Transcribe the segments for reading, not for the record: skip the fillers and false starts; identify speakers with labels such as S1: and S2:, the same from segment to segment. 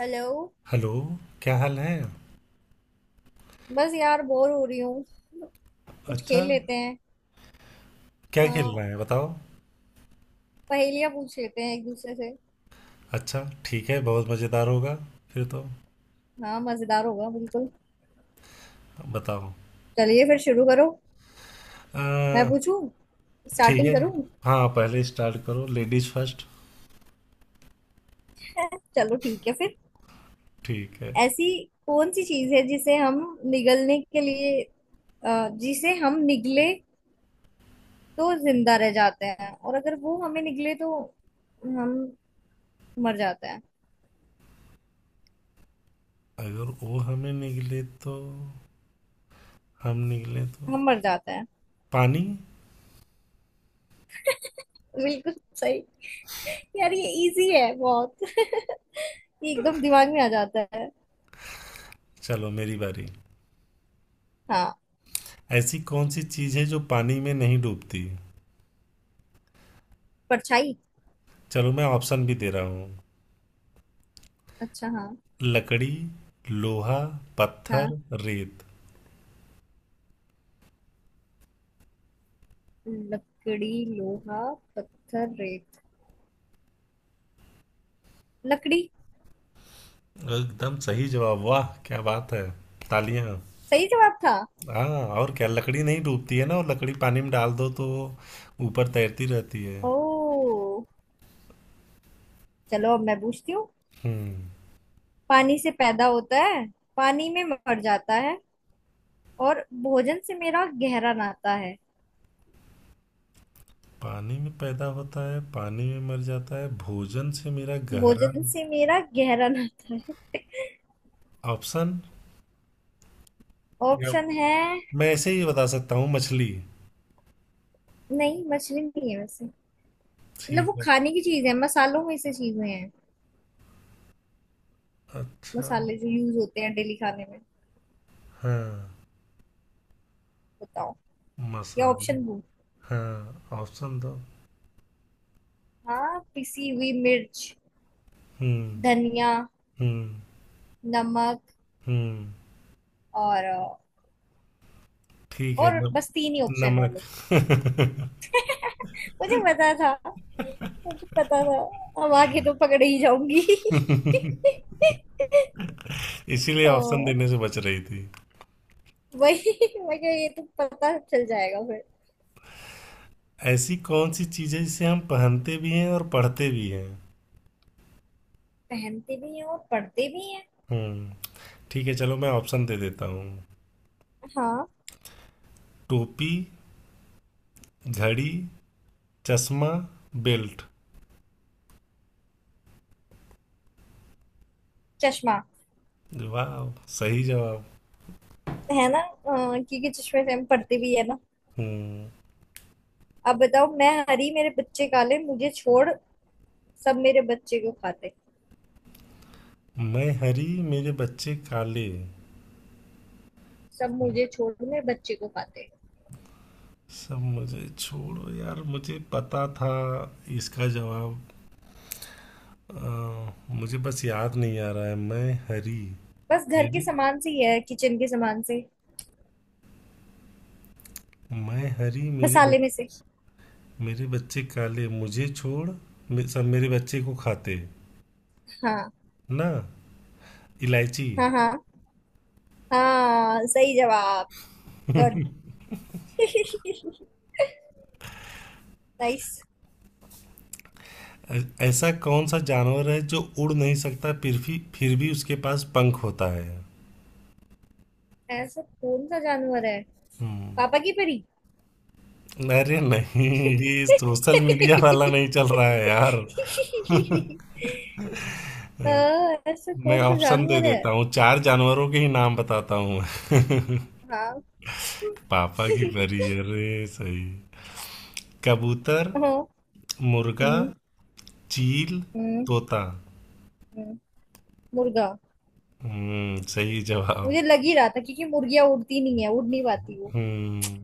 S1: Hello.
S2: Hello. क्या हाल है।
S1: बस यार बोर हो रही हूँ। कुछ
S2: अच्छा।
S1: खेल लेते हैं।
S2: क्या खेलना
S1: हाँ,
S2: है बताओ।
S1: पहेलियाँ पूछ लेते हैं एक दूसरे से।
S2: अच्छा ठीक है, बहुत मज़ेदार होगा फिर तो।
S1: हाँ मजेदार होगा बिल्कुल।
S2: बताओ।
S1: चलिए फिर शुरू करो। मैं
S2: आ,
S1: पूछूं,
S2: ठीक
S1: स्टार्टिंग
S2: है।
S1: करूं।
S2: हाँ पहले स्टार्ट करो, लेडीज फर्स्ट।
S1: चलो ठीक है फिर।
S2: ठीक है।
S1: ऐसी कौन सी चीज है जिसे हम निगलने के लिए जिसे हम निगले तो जिंदा रह जाते हैं, और अगर वो हमें निगले तो हम मर जाते हैं।
S2: अगर वो हमें निकले तो हम निकले तो
S1: हम मर जाते हैं।
S2: पानी।
S1: बिल्कुल सही। यार ये इजी है बहुत। ये एकदम दिमाग में आ जाता है।
S2: चलो मेरी बारी।
S1: हाँ।
S2: ऐसी कौन सी चीज़ है जो पानी में नहीं डूबती?
S1: परछाई।
S2: चलो मैं ऑप्शन भी दे रहा हूँ।
S1: अच्छा हाँ।
S2: लकड़ी, लोहा,
S1: हाँ।
S2: पत्थर, रेत।
S1: लकड़ी, लोहा, पत्थर, रेत, लकड़ी।
S2: एकदम सही जवाब, वाह क्या बात है, तालियां।
S1: सही जवाब था।
S2: हाँ। और क्या लकड़ी नहीं डूबती है ना, और लकड़ी पानी में डाल दो तो वो ऊपर तैरती रहती है।
S1: ओ, चलो अब मैं पूछती हूँ।
S2: हम्म।
S1: पानी से पैदा होता है, पानी में मर जाता है, और भोजन से मेरा गहरा नाता है।
S2: पानी में पैदा होता है, पानी में मर जाता है, भोजन से मेरा गहरा।
S1: भोजन से मेरा गहरा नाता है।
S2: ऑप्शन। या
S1: ऑप्शन है।
S2: मैं ऐसे ही बता सकता हूँ, मछली।
S1: नहीं, मछली नहीं है वैसे। मतलब वो
S2: ठीक है।
S1: खाने की चीज है, मसालों में से चीजें हैं।
S2: अच्छा।
S1: मसाले जो यूज होते हैं डेली खाने में।
S2: हाँ,
S1: बताओ। या
S2: मसाले।
S1: ऑप्शन दो।
S2: हाँ ऑप्शन दो।
S1: हाँ, पिसी हुई मिर्च,
S2: हम्म।
S1: धनिया,
S2: हम्म।
S1: नमक,
S2: हम्म।
S1: और।
S2: ठीक है।
S1: और बस तीन ही ऑप्शन है
S2: नमक।
S1: लोग। मुझे पता था, मुझे पता था। अब आगे तो पकड़ ही जाऊंगी।
S2: इसीलिए ऑप्शन
S1: तो
S2: देने से बच रही थी।
S1: वही, मुझे ये तो पता चल जाएगा फिर।
S2: ऐसी कौन सी चीजें जिसे हम पहनते भी हैं और पढ़ते भी हैं?
S1: पहनते भी हैं और पढ़ते भी हैं।
S2: हम्म। ठीक है, चलो मैं ऑप्शन दे देता हूँ।
S1: हाँ।
S2: टोपी, घड़ी, चश्मा, बेल्ट।
S1: चश्मा।
S2: वाह सही जवाब।
S1: है ना, क्योंकि चश्मे से हम पढ़ते भी है ना।
S2: हम्म।
S1: अब बताओ, मैं हरी मेरे बच्चे काले, मुझे छोड़ सब मेरे बच्चे को खाते।
S2: मैं हरी, मेरे बच्चे काले,
S1: सब मुझे छोड़ मेरे बच्चे को खाते।
S2: सब मुझे छोड़ो यार, मुझे पता था इसका जवाब। अ, मुझे बस याद नहीं आ रहा है।
S1: बस घर के
S2: मेरे
S1: सामान से ही है, किचन के सामान से।
S2: मैं हरी मेरे
S1: मसाले में
S2: बच्चे,
S1: से।
S2: मेरे बच्चे काले, मुझे छोड़, सब मेरे बच्चे को खाते
S1: हाँ
S2: ना। इलायची।
S1: हाँ। हाँ, हाँ सही जवाब। गुड। नाइस।
S2: ऐ- ऐसा कौन सा जानवर है जो उड़ नहीं सकता, फिर भी उसके पास पंख होता है?
S1: ऐसा कौन सा जानवर है? पापा की परी।
S2: अरे नहीं, ये सोशल मीडिया वाला नहीं चल रहा है यार।
S1: हाँ, ऐसा
S2: मैं
S1: कौन सा
S2: ऑप्शन दे
S1: जानवर है?
S2: देता हूँ, चार जानवरों के ही नाम बताता हूँ।
S1: हाँ।
S2: पापा की परी, अरे सही। कबूतर,
S1: हाँ।
S2: मुर्गा,
S1: हम्म।
S2: चील,
S1: हम्म।
S2: तोता।
S1: हम्म, मुर्गा।
S2: सही जवाब।
S1: मुझे लग ही रहा था क्योंकि मुर्गियां उड़ती नहीं है, उड़ नहीं पाती वो।
S2: हम्म।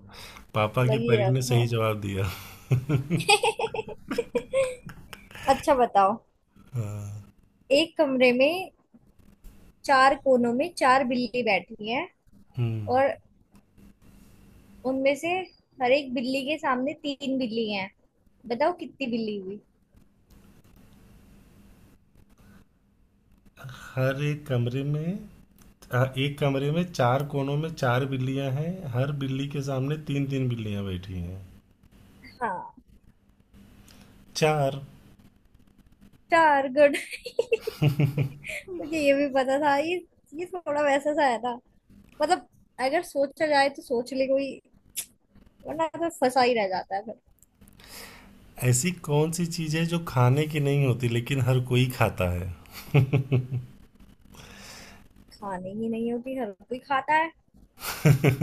S2: पापा
S1: लग
S2: की
S1: ही
S2: परी
S1: रहा
S2: ने सही
S1: था।
S2: जवाब दिया।
S1: अच्छा बताओ, एक कमरे में चार कोनों में चार बिल्ली बैठी हैं, और
S2: हम्म।
S1: उनमें से हर एक बिल्ली के सामने तीन बिल्ली हैं। बताओ कितनी बिल्ली हुई।
S2: हर एक कमरे में एक कमरे में चार कोनों में चार बिल्लियां हैं, हर बिल्ली के सामने तीन तीन बिल्लियां बैठी हैं।
S1: हाँ।
S2: चार।
S1: चार। गुड। मुझे ये भी पता था। ये थोड़ा वैसा सा है ना। मतलब, अगर सोचा जाए तो सोच ले कोई, वरना तो फंसा ही रह जाता है फिर।
S2: ऐसी कौन सी चीज है जो खाने की नहीं होती लेकिन हर कोई खाता है?
S1: खाने ही नहीं होती, हर कोई खाता है।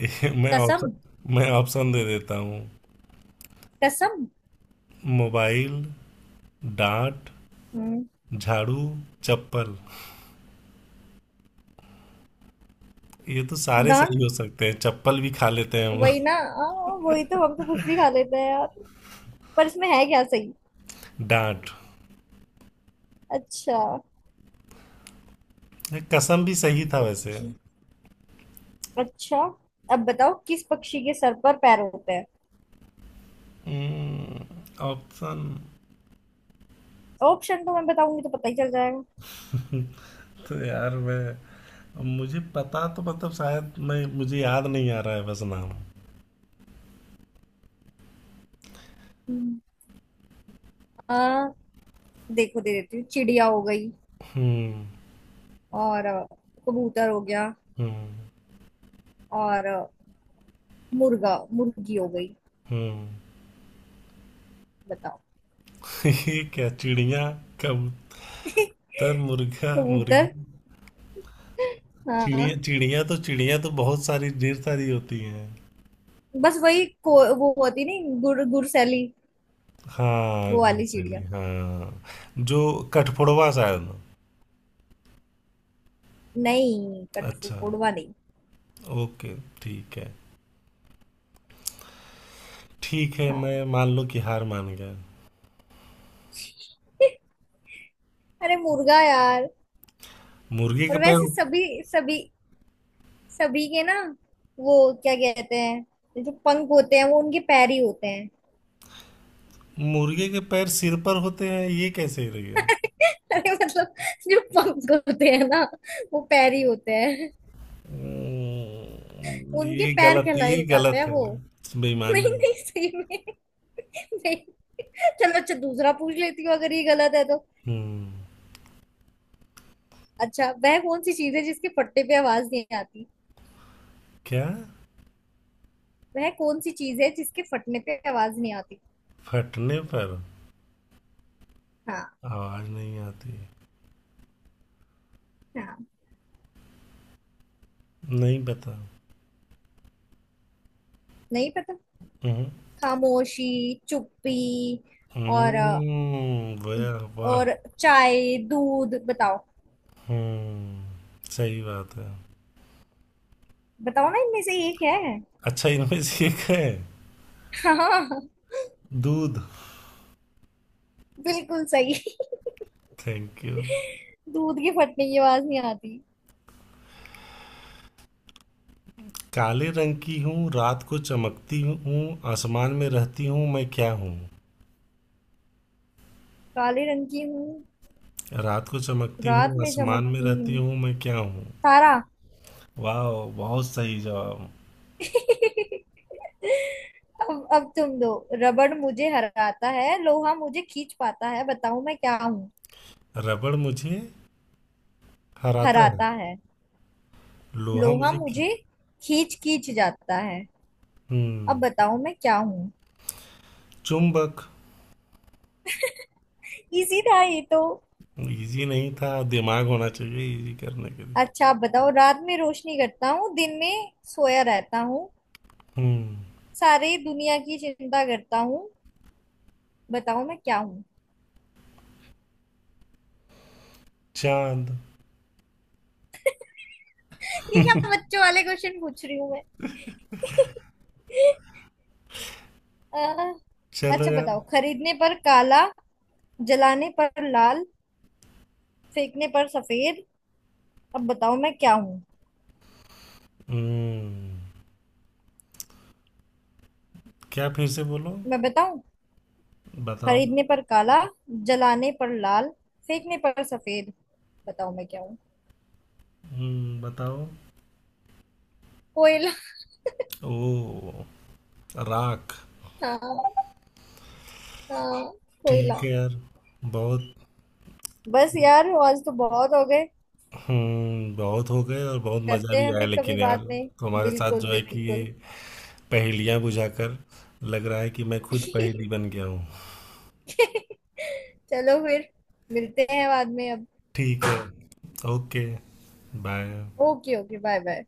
S2: ये
S1: कसम।
S2: मैं ऑप्शन दे देता हूँ।
S1: कसम।
S2: मोबाइल, डांट,
S1: हम्म।
S2: झाड़ू, चप्पल। ये तो सारे
S1: डॉट।
S2: सही हो सकते हैं, चप्पल भी खा लेते हैं हम लोग।
S1: वही ना, वही तो। हम तो कुछ भी खा लेते हैं यार। पर इसमें है क्या सही?
S2: डांट।
S1: अच्छा।
S2: ये कसम भी सही था वैसे।
S1: ओके। अच्छा, अब बताओ किस पक्षी के सर पर पैर होते हैं?
S2: ऑप्शन।
S1: ऑप्शन तो मैं बताऊंगी तो पता ही चल जाएगा।
S2: तो यार मैं, मुझे पता, तो मतलब शायद मैं, मुझे याद नहीं आ रहा है बस नाम।
S1: हम्म, आ, देखो दे देती हूँ। चिड़िया हो गई,
S2: हम्म।
S1: और कबूतर हो गया,
S2: हम्म।
S1: और मुर्गा मुर्गी हो गई।
S2: हम्म।
S1: बताओ।
S2: ये क्या, चिड़िया, कबूतर, मुर्गा, मुर्गी,
S1: कबूतर। हाँ।
S2: चिड़िया। चिड़िया तो बहुत सारी ढेर सारी होती हैं।
S1: बस वो होती नहीं, गुड़ गुड़सैली।
S2: हाँ
S1: वो वाली
S2: गुरसैली,
S1: चिड़िया।
S2: हाँ जो कठफोड़वा शायद।
S1: नहीं,
S2: अच्छा,
S1: कठफोड़वा नहीं।
S2: ओके। ठीक है। ठीक है,
S1: हाँ।
S2: मैं मान लो कि हार मान गया।
S1: अरे मुर्गा यार।
S2: मुर्गी के
S1: और वैसे
S2: पैर,
S1: सभी सभी सभी के ना, वो क्या कहते हैं, जो पंख होते हैं वो उनके पैर ही होते हैं।
S2: मुर्गे के पैर सिर पर होते हैं, ये कैसे रही है?
S1: अरे मतलब, जो पंख होते हैं ना, वो पैर ही होते हैं। उनके
S2: ये
S1: पैर
S2: गलत,
S1: कहलाए
S2: ये
S1: जाते
S2: गलत
S1: हैं
S2: है,
S1: वो।
S2: बेईमानी
S1: नहीं
S2: है।
S1: नहीं, सही में। नहीं। चलो अच्छा, दूसरा पूछ लेती हूँ अगर ये गलत है तो।
S2: हम्म।
S1: अच्छा, वह कौन सी चीज है जिसके फटने पे आवाज नहीं आती?
S2: क्या?
S1: वह कौन सी चीज है जिसके फटने पे आवाज नहीं आती?
S2: फटने पर
S1: हाँ।
S2: आवाज नहीं आती?
S1: हाँ।
S2: नहीं बता।
S1: नहीं पता।
S2: हम्म।
S1: खामोशी, चुप्पी। और अ,
S2: वाह वाह।
S1: और चाय, दूध, बताओ।
S2: सही बात है।
S1: बताओ ना, इनमें से एक है।
S2: अच्छा, इनमें से एक है।
S1: हाँ।
S2: दूध।
S1: बिल्कुल सही।
S2: Thank you.
S1: दूध के फटने की आवाज नहीं आती।
S2: काले रंग की हूँ, रात को चमकती हूँ, आसमान में रहती हूँ, मैं क्या हूँ?
S1: काले रंग की हूँ,
S2: रात को चमकती
S1: रात
S2: हूँ,
S1: में
S2: आसमान में
S1: चमकती हूँ।
S2: रहती हूँ, मैं क्या हूँ?
S1: तारा।
S2: वाह, बहुत सही जवाब।
S1: अब तुम दो। रबड़ मुझे हराता है, लोहा मुझे खींच पाता है, बताओ मैं क्या हूँ।
S2: रबड़ मुझे हराता है,
S1: हराता है।
S2: लोहा
S1: लोहा
S2: मुझे खी।
S1: मुझे खींच खींच जाता है। अब
S2: हम्म।
S1: बताओ मैं क्या हूँ।
S2: चुंबक।
S1: इजी था ये तो।
S2: इजी नहीं था, दिमाग होना चाहिए इजी करने के लिए।
S1: अच्छा, आप बताओ। रात में रोशनी करता हूँ, दिन में सोया रहता हूँ,
S2: हम्म।
S1: सारी दुनिया की चिंता करता हूँ। बताओ मैं क्या हूँ।
S2: चांद।
S1: ये क्या बच्चों वाले क्वेश्चन पूछ रही हूँ मैं। अह,
S2: चलो
S1: अच्छा
S2: यार।
S1: बताओ। खरीदने पर काला, जलाने पर लाल, फेंकने पर सफेद। अब बताओ मैं क्या हूँ।
S2: हम्म। क्या, फिर से बोलो।
S1: मैं बताऊं?
S2: बताओ।
S1: खरीदने पर काला, जलाने पर लाल, फेंकने पर सफेद। बताओ मैं क्या हूँ।
S2: बताओ।
S1: कोयला।
S2: ओ। राख।
S1: हाँ, हाँ,
S2: ठीक
S1: कोयला।
S2: है यार, बहुत।
S1: बस यार, आज तो बहुत हो गए।
S2: हम्म, बहुत हो गए और बहुत मज़ा
S1: करते
S2: भी
S1: हैं
S2: आया,
S1: फिर कभी
S2: लेकिन यार
S1: बाद में।
S2: तुम्हारे साथ
S1: बिल्कुल
S2: जो है कि ये
S1: बिल्कुल।
S2: पहेलियाँ बुझाकर लग रहा है कि मैं खुद पहेली बन गया हूँ।
S1: चलो फिर, मिलते हैं बाद में अब।
S2: ठीक है। Okay, bye.
S1: Okay. Okay, bye bye.